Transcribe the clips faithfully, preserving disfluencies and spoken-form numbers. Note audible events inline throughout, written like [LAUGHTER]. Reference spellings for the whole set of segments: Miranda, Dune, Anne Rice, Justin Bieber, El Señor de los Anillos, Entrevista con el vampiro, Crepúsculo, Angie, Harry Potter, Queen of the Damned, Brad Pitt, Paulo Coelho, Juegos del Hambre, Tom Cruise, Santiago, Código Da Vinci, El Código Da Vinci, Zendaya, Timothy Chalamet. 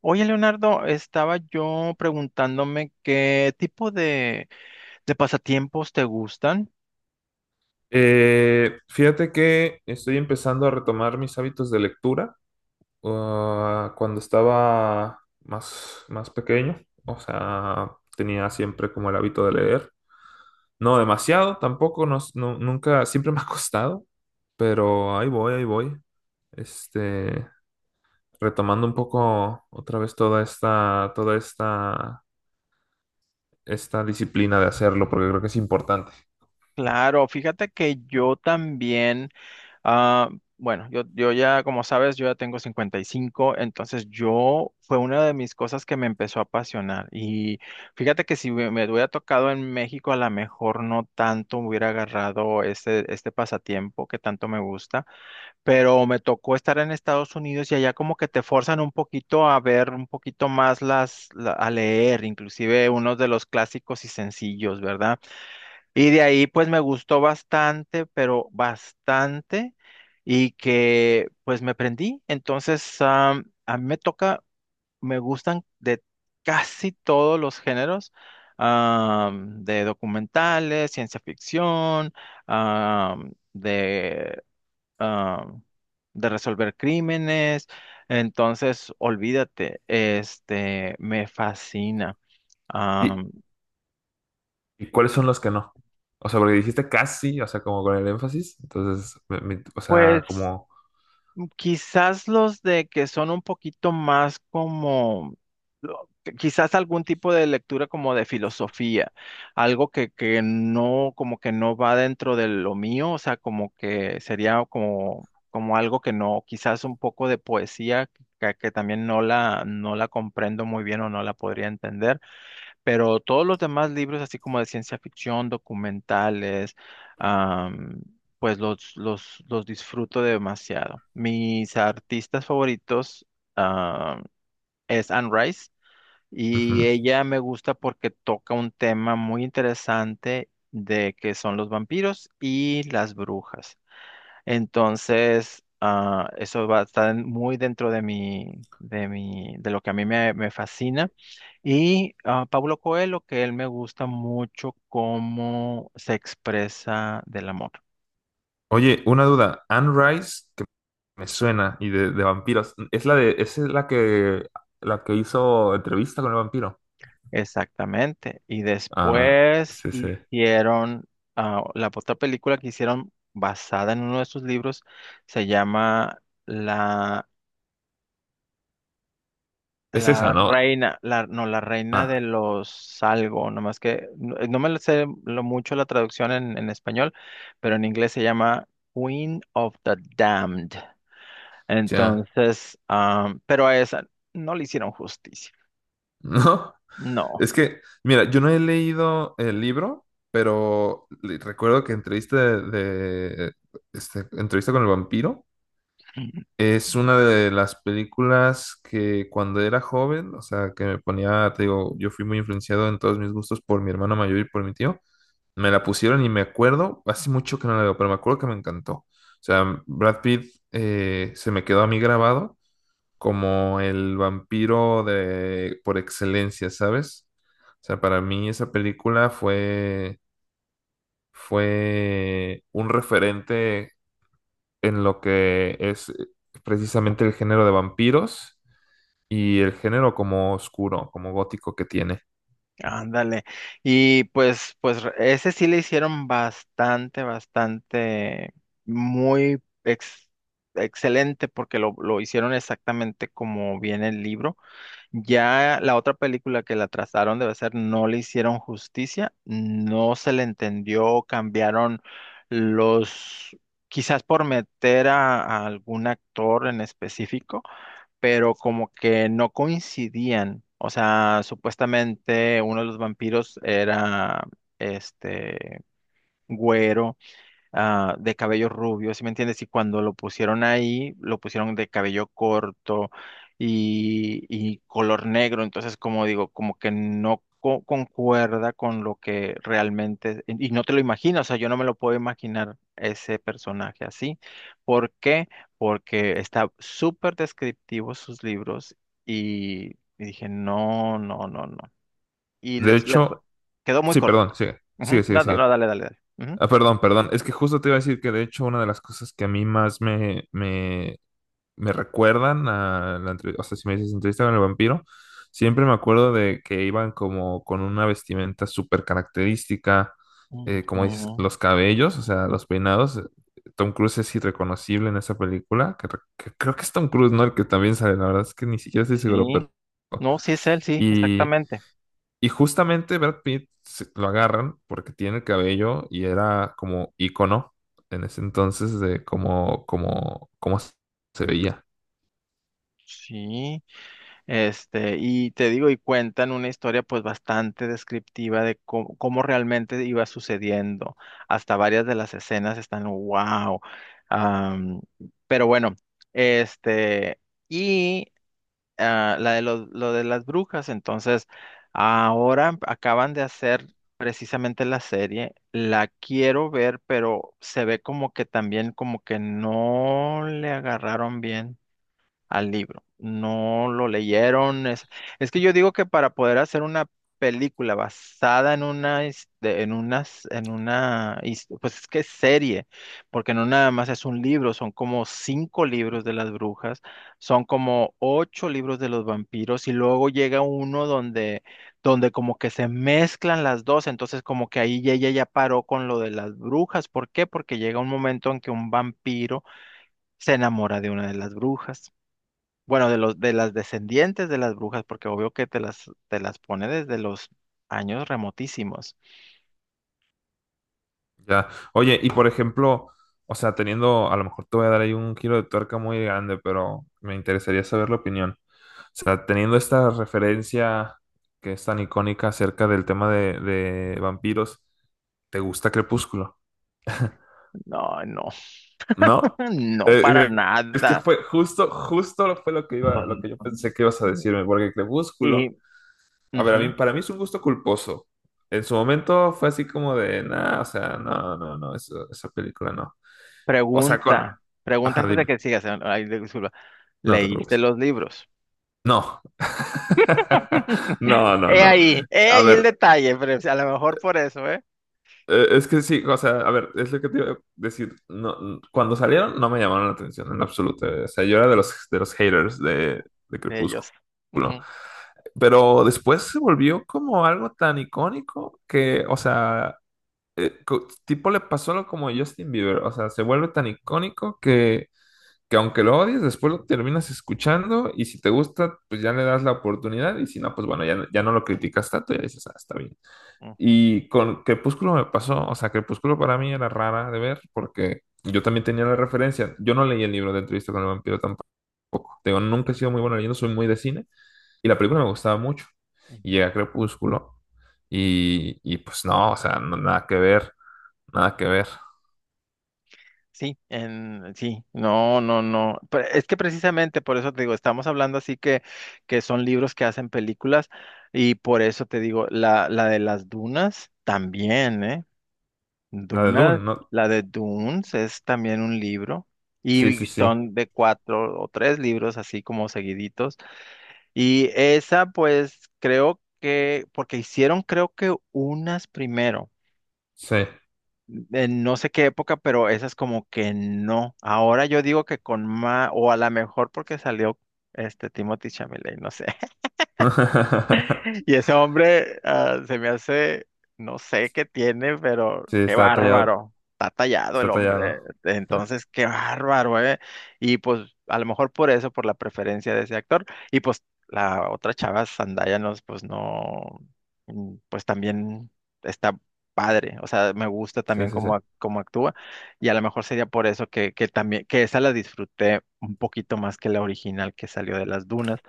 Oye, Leonardo, estaba yo preguntándome qué tipo de, de pasatiempos te gustan. Eh, fíjate que estoy empezando a retomar mis hábitos de lectura ah, cuando estaba más, más pequeño, o sea, tenía siempre como el hábito de leer. No demasiado, tampoco, no, no- nunca, siempre [LAUGHS] me ha costado, pero ahí voy, ahí voy. Este, retomando un poco otra vez toda esta, toda esta, esta disciplina de hacerlo, porque creo que es importante. Claro, fíjate que yo también. Ah, bueno, yo, yo ya, como sabes, yo ya tengo cincuenta y cinco, entonces yo fue una de mis cosas que me empezó a apasionar. Y fíjate que si me, me hubiera tocado en México, a lo mejor no tanto hubiera agarrado este, este pasatiempo que tanto me gusta, pero me tocó estar en Estados Unidos y allá como que te forzan un poquito a ver un poquito más las, la- a leer, inclusive unos de los clásicos y sencillos, ¿verdad? Y de ahí pues me gustó bastante, pero bastante, y que pues me prendí. Entonces, am, a mí me toca, me gustan de casi todos los géneros, am, de documentales, ciencia ficción, am, de, am, de resolver crímenes. Entonces, olvídate, este, me fascina. Y, Am, ¿Y cuáles son los que no? O sea, porque dijiste casi, o sea, como con el énfasis. Entonces, me- me- o sea, pues como. Quizás los de que son un poquito más como, lo- quizás algún tipo de lectura como de filosofía, algo que, que no, como que no va dentro de lo mío, o sea, como que sería como, como algo que no, quizás un poco de poesía que, que también no la, no la comprendo muy bien o no la podría entender. Pero todos los demás libros, así como de ciencia ficción, documentales, am, pues los, los, los disfruto demasiado. Mis artistas favoritos, ah, es Anne Rice y Ujú. ella me gusta porque toca un tema muy interesante de que son los vampiros y las brujas. Entonces, ah, eso va a estar muy dentro de mi, de mi, de lo que a mí me me fascina. Y ah, Paulo Coelho, que él me gusta mucho cómo se expresa del amor. Oye, una duda. Anne Rice, que me suena, y de, de vampiros. Es la de, esa es la que, la que hizo entrevista con el vampiro. Exactamente. Y Ah, después sí, sí. hicieron, ah, la otra película que hicieron basada en uno de sus libros se llama La, Es esa, la ¿no? Reina, la, no, La Reina de Ah, los algo, nomás que no, eh, no me lo sé lo mucho la traducción en, en español, pero en inglés se llama Queen of the Damned. ya. Entonces, am, pero a esa no le hicieron justicia. [LAUGHS] No. No. Es que, mira, yo no he leído el libro, pero le- recuerdo que entrevista de, de- este, entrevista con el vampiro. Es una de las películas que cuando era joven, o sea, que me ponía, te digo, yo fui muy influenciado en todos mis gustos por mi hermano mayor y por mi tío. Me la pusieron y me acuerdo, hace mucho que no la veo, pero me acuerdo que me encantó. O sea, Brad Pitt eh, se me quedó a mí grabado como el vampiro de por excelencia, ¿sabes? O sea, para mí esa película fue fue un referente en lo que es eh, precisamente el género de vampiros y el género como oscuro, como gótico que tiene. Ándale. Y pues, pues re- ese sí le hicieron bastante, bastante, muy ex- excelente porque lo, lo hicieron exactamente como viene el libro. Ya la otra película que la trazaron debe ser No le hicieron justicia, no se le entendió, cambiaron los, quizás por meter a, a algún actor en específico, pero como que no coincidían. O sea, supuestamente uno de los vampiros era este güero ah, de cabello rubio, ¿sí me entiendes? Y cuando lo pusieron ahí, lo pusieron de cabello corto y, y color negro, entonces como digo, como que no co- concuerda con lo que realmente, y y no te lo imaginas, o sea, yo no me lo puedo imaginar ese personaje así. ¿Por qué? Porque está súper descriptivo sus libros y, y dije, no, no, no, no. Y De les, les hecho, quedó muy sí, corto. perdón, sigue, Ujú. sigue, sigue, No, no, no, sigue. dale, dale, dale. Ah, perdón, perdón. Es que justo te iba a decir que de hecho una de las cosas que a mí más me, me me recuerdan a la entrevista, o sea, si me dices entrevista con el vampiro, siempre me acuerdo de que iban como con una vestimenta súper característica, Ujú. eh, como dices, Ujú. los cabellos, o sea, los peinados. Tom Cruise es irreconocible en esa película, que, re- que creo que es Tom Cruise, ¿no? El que también sale, la verdad es que ni siquiera estoy seguro, Sí, pero. no, sí es él, sí, Y, exactamente. y justamente Brad Pitt se- lo agarran porque tiene el cabello y era como ícono en ese entonces de cómo, cómo, cómo se veía. Sí, este, y te digo, y cuentan una historia pues bastante descriptiva de cómo, cómo realmente iba sucediendo. Hasta varias de las escenas están, wow. Am, pero bueno, este, y ah, la de lo, lo de las brujas. Entonces, ahora acaban de hacer precisamente la serie. La quiero ver, pero se ve como que también como que no le agarraron bien al libro. No lo leyeron. Es, es que yo digo que para poder hacer una película basada en una, his- de- en unas, en una, his- pues es que es serie, porque no nada más es un libro, son como cinco libros de las brujas, son como ocho libros de los vampiros y luego llega uno donde, donde como que se mezclan las dos, entonces como que ahí ya- ella ya paró con lo de las brujas. ¿Por qué? Porque llega un momento en que un vampiro se enamora de una de las brujas. Bueno, de los, de las descendientes de las brujas, porque obvio que te las, te las pone desde los años remotísimos. Ya. Oye, y por ejemplo, o sea, teniendo, a lo mejor te voy a dar ahí un giro de tuerca muy grande, pero me interesaría saber la opinión. O sea, teniendo esta referencia que es tan icónica acerca del tema de, de vampiros, ¿te gusta Crepúsculo? [LAUGHS] No, no, ¿No? [LAUGHS] no Eh, para eh, es que nada. fue justo, justo lo- fue lo que iba, lo que yo pensé que [LAUGHS] ibas a Ujú. decirme, porque Y Crepúsculo, a ver, a mí, ujú, para mí es un gusto culposo. En su momento fue así como de, nada, o sea, no, no, no, eso- esa película no. O sea, con. pregunta, pregunta Ajá, antes de dime. que sigas, eh, ay, disculpa, No te ¿leíste preocupes. los libros? No. [LAUGHS] [LAUGHS] No, no, He no. ahí, he A ahí el ver, detalle, pero a lo mejor por eso, ¿eh? eh, es que sí, o sea, a ver, es lo que te iba a decir. No, n- cuando salieron no me llamaron la atención en absoluto. O sea, yo era de los, de los haters de, de De Crepúsculo. ellos. Ujú, Pero después se volvió como algo tan icónico que, o sea, eh, co- tipo le pasó lo como a Justin Bieber. O sea, se vuelve tan icónico que aunque lo odies, después lo terminas escuchando y si te gusta, pues ya le das la oportunidad y si no, pues bueno, ya, no- ya no lo criticas tanto y dices, ah, está bien. ujú, Y con Crepúsculo me pasó, o sea, Crepúsculo para mí era rara de ver porque yo también tenía la referencia. Yo no leí el libro de Entrevista con el vampiro tampoco. Te Digo, nunca he sido muy bueno leyendo, soy muy de cine y la película me gustaba mucho. Y ujú. llega Crepúsculo y, y pues no, o sea, no- nada que ver, nada que ver. Sí, en, sí, no, no, no. Pero es que precisamente por eso te digo, estamos hablando así que, que son libros que hacen películas y por eso te digo, la, la de las dunas también, ¿eh? La de Dune, Dunas, ¿no? la de Dunes es también un libro Sí, sí, y sí, son de cuatro o tres libros así como seguiditos. Y esa pues creo que, porque hicieron creo que unas primero sí. en no sé qué época, pero esas como que no. Ahora yo digo que con más, o a lo mejor porque salió este Timothy Chalamet, no sé. [LAUGHS] Y ese hombre ah, se me hace, no sé qué tiene, pero Sí, qué está tallado, bárbaro. Está tallado el está hombre. tallado. Entonces, qué bárbaro, ¿eh? Y pues a lo mejor por eso, por la preferencia de ese actor. Y pues la otra chava, Zendaya, no, pues no, mm, pues también está padre. O sea, me gusta Sí, también sí, sí. cómo, ac- cómo actúa. Y a lo mejor sería por eso que, que también, que esa la disfruté un poquito más que la original que salió de las dunas.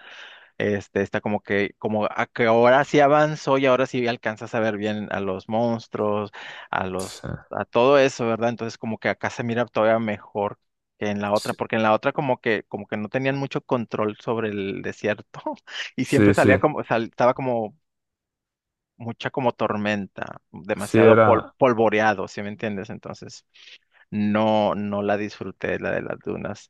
Este, está como que, como a que ahora sí avanzó y ahora sí alcanzas a ver bien a los monstruos, a los, Sí, a todo eso, ¿verdad? Entonces como que acá se mira todavía mejor que en la otra, sí, porque en la otra como que, como que no tenían mucho control sobre el desierto [LAUGHS] y siempre sí, sí, salía Sí, como, sal- estaba como mucha como tormenta, Sí, demasiado pol- era. polvoreado, ¿sí me entiendes? Entonces no, no la disfruté, la de las dunas.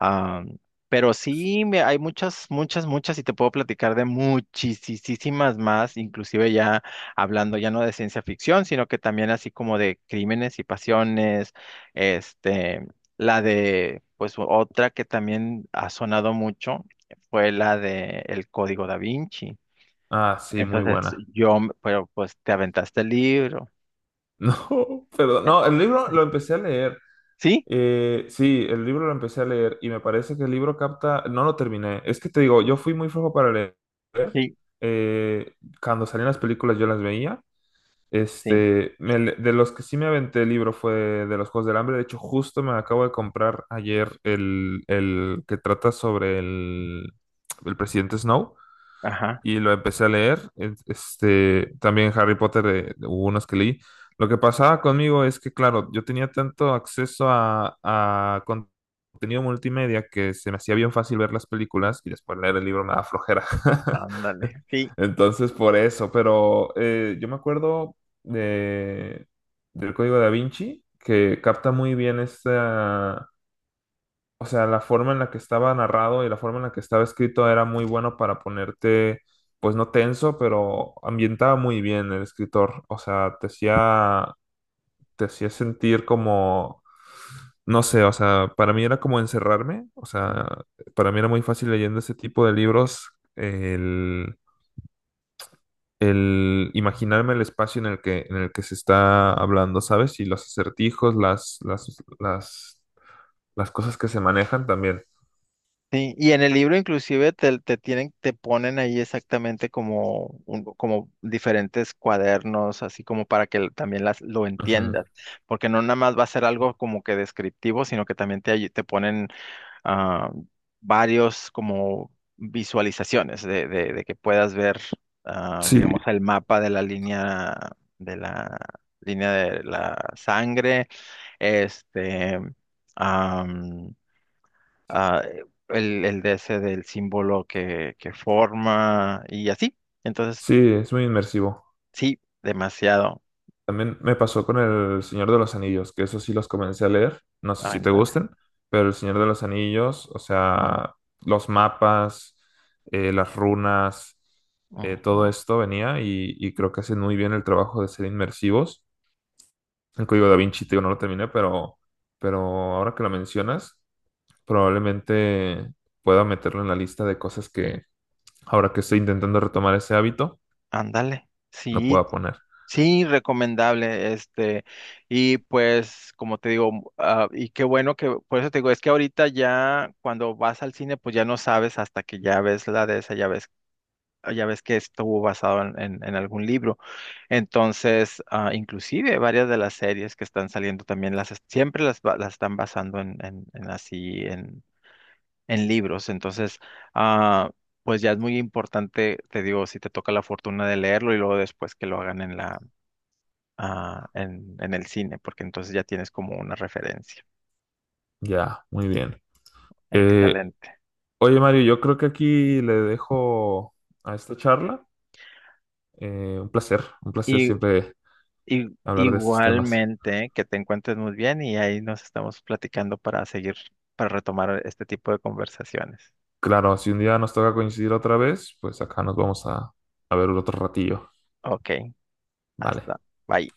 Ah, pero sí, me- hay muchas, muchas, muchas y te puedo platicar de muchísimas más, inclusive ya hablando ya no de ciencia ficción, sino que también así como de crímenes y pasiones, este, la de, pues otra que también ha sonado mucho fue la de El Código Da Vinci. Ah, sí, muy Entonces buena. yo, m- pero pues te aventaste el libro. [LAUGHS] No, perdón. Eh, No, el libro lo empecé a leer. ¿Sí? Eh, sí, el libro lo empecé a leer y me parece que el libro capta. No lo terminé. Es que te digo, yo fui muy flojo para leer. Sí, Eh, cuando salían las películas yo las veía. sí, Este, me le- de los que sí me aventé el libro fue de los Juegos del Hambre. De hecho, justo me acabo de comprar ayer el, el que trata sobre el, el presidente Snow ajá, y lo empecé a leer. Es- Este, también Harry Potter, eh, hubo unos que leí. Lo que pasaba conmigo es que, claro, yo tenía tanto acceso a, a con- contenido multimedia que se me hacía bien fácil ver las películas y después leer el libro me da flojera. [LAUGHS] ándale. Sí, Entonces, por eso, pero eh, yo me acuerdo de, del Código Da Vinci, que capta muy bien este, o sea, la forma en la que estaba narrado y la forma en la que estaba escrito era muy bueno para ponerte, pues no tenso, pero ambientaba muy bien el escritor. O sea, te hacía, te hacía sentir como, no sé, o sea, para mí era como encerrarme. O sea, para mí era muy fácil leyendo ese tipo de libros, el, el imaginarme el espacio en el que, en el que, se está hablando, ¿sabes? Y los acertijos, las, las, las, las cosas que se manejan también. sí, y en el libro inclusive te, te tienen, te ponen ahí exactamente como, un- como diferentes cuadernos, así como para que l- también las, lo Ujú. entiendas, porque no nada más va a ser algo como que descriptivo, sino que también te, ayu- te ponen ah, varios como visualizaciones de, de, de que puedas ver, ah, Sí, digamos, el mapa de la línea, de la línea de la sangre, este... am, ah, el, el D S del símbolo que, que forma y así. Entonces, Sí, es muy inmersivo. sí, demasiado. También me pasó con El Señor de los Anillos, que eso sí los comencé a leer. No sé si te Ándale. gusten, pero El Señor de los Anillos, o sea, los mapas, eh, las runas, eh, todo ujú, esto venía y, y creo que hacen muy bien el trabajo de ser inmersivos. El Código Da Vinci, te digo, no lo terminé, pero, pero ahora que lo mencionas, probablemente pueda meterlo en la lista de cosas que ahora que estoy intentando retomar ese hábito, Ándale. no Sí, pueda poner. sí, recomendable. Este, y pues, como te digo, m- ah, y qué bueno que, por eso te digo, es que ahorita ya cuando vas al cine, pues ya no sabes hasta que ya ves la de esa, ya ves ah, ya ves que estuvo basado en, en- en algún libro. Entonces, ah, inclusive varias de las series que están saliendo también las es- siempre las, ba- las están basando en, en- en así en, en libros. Entonces, ah, pues ya es muy importante, te digo, si te toca la fortuna de leerlo y luego después que lo hagan en la ah, en, en el cine, porque entonces ya tienes como una referencia. Ya, muy bien. Eh, Excelente. Oye, Mario, yo creo que aquí le dejo a esta charla. Eh, un placer, un placer siempre I- hablar de estos temas. igualmente, que te encuentres muy bien y ahí nos estamos platicando para seguir, para retomar este tipo de conversaciones. Claro, si un día nos toca coincidir otra vez, pues acá nos vamos a, a ver otro ratillo. Ok, Vale. hasta, bye.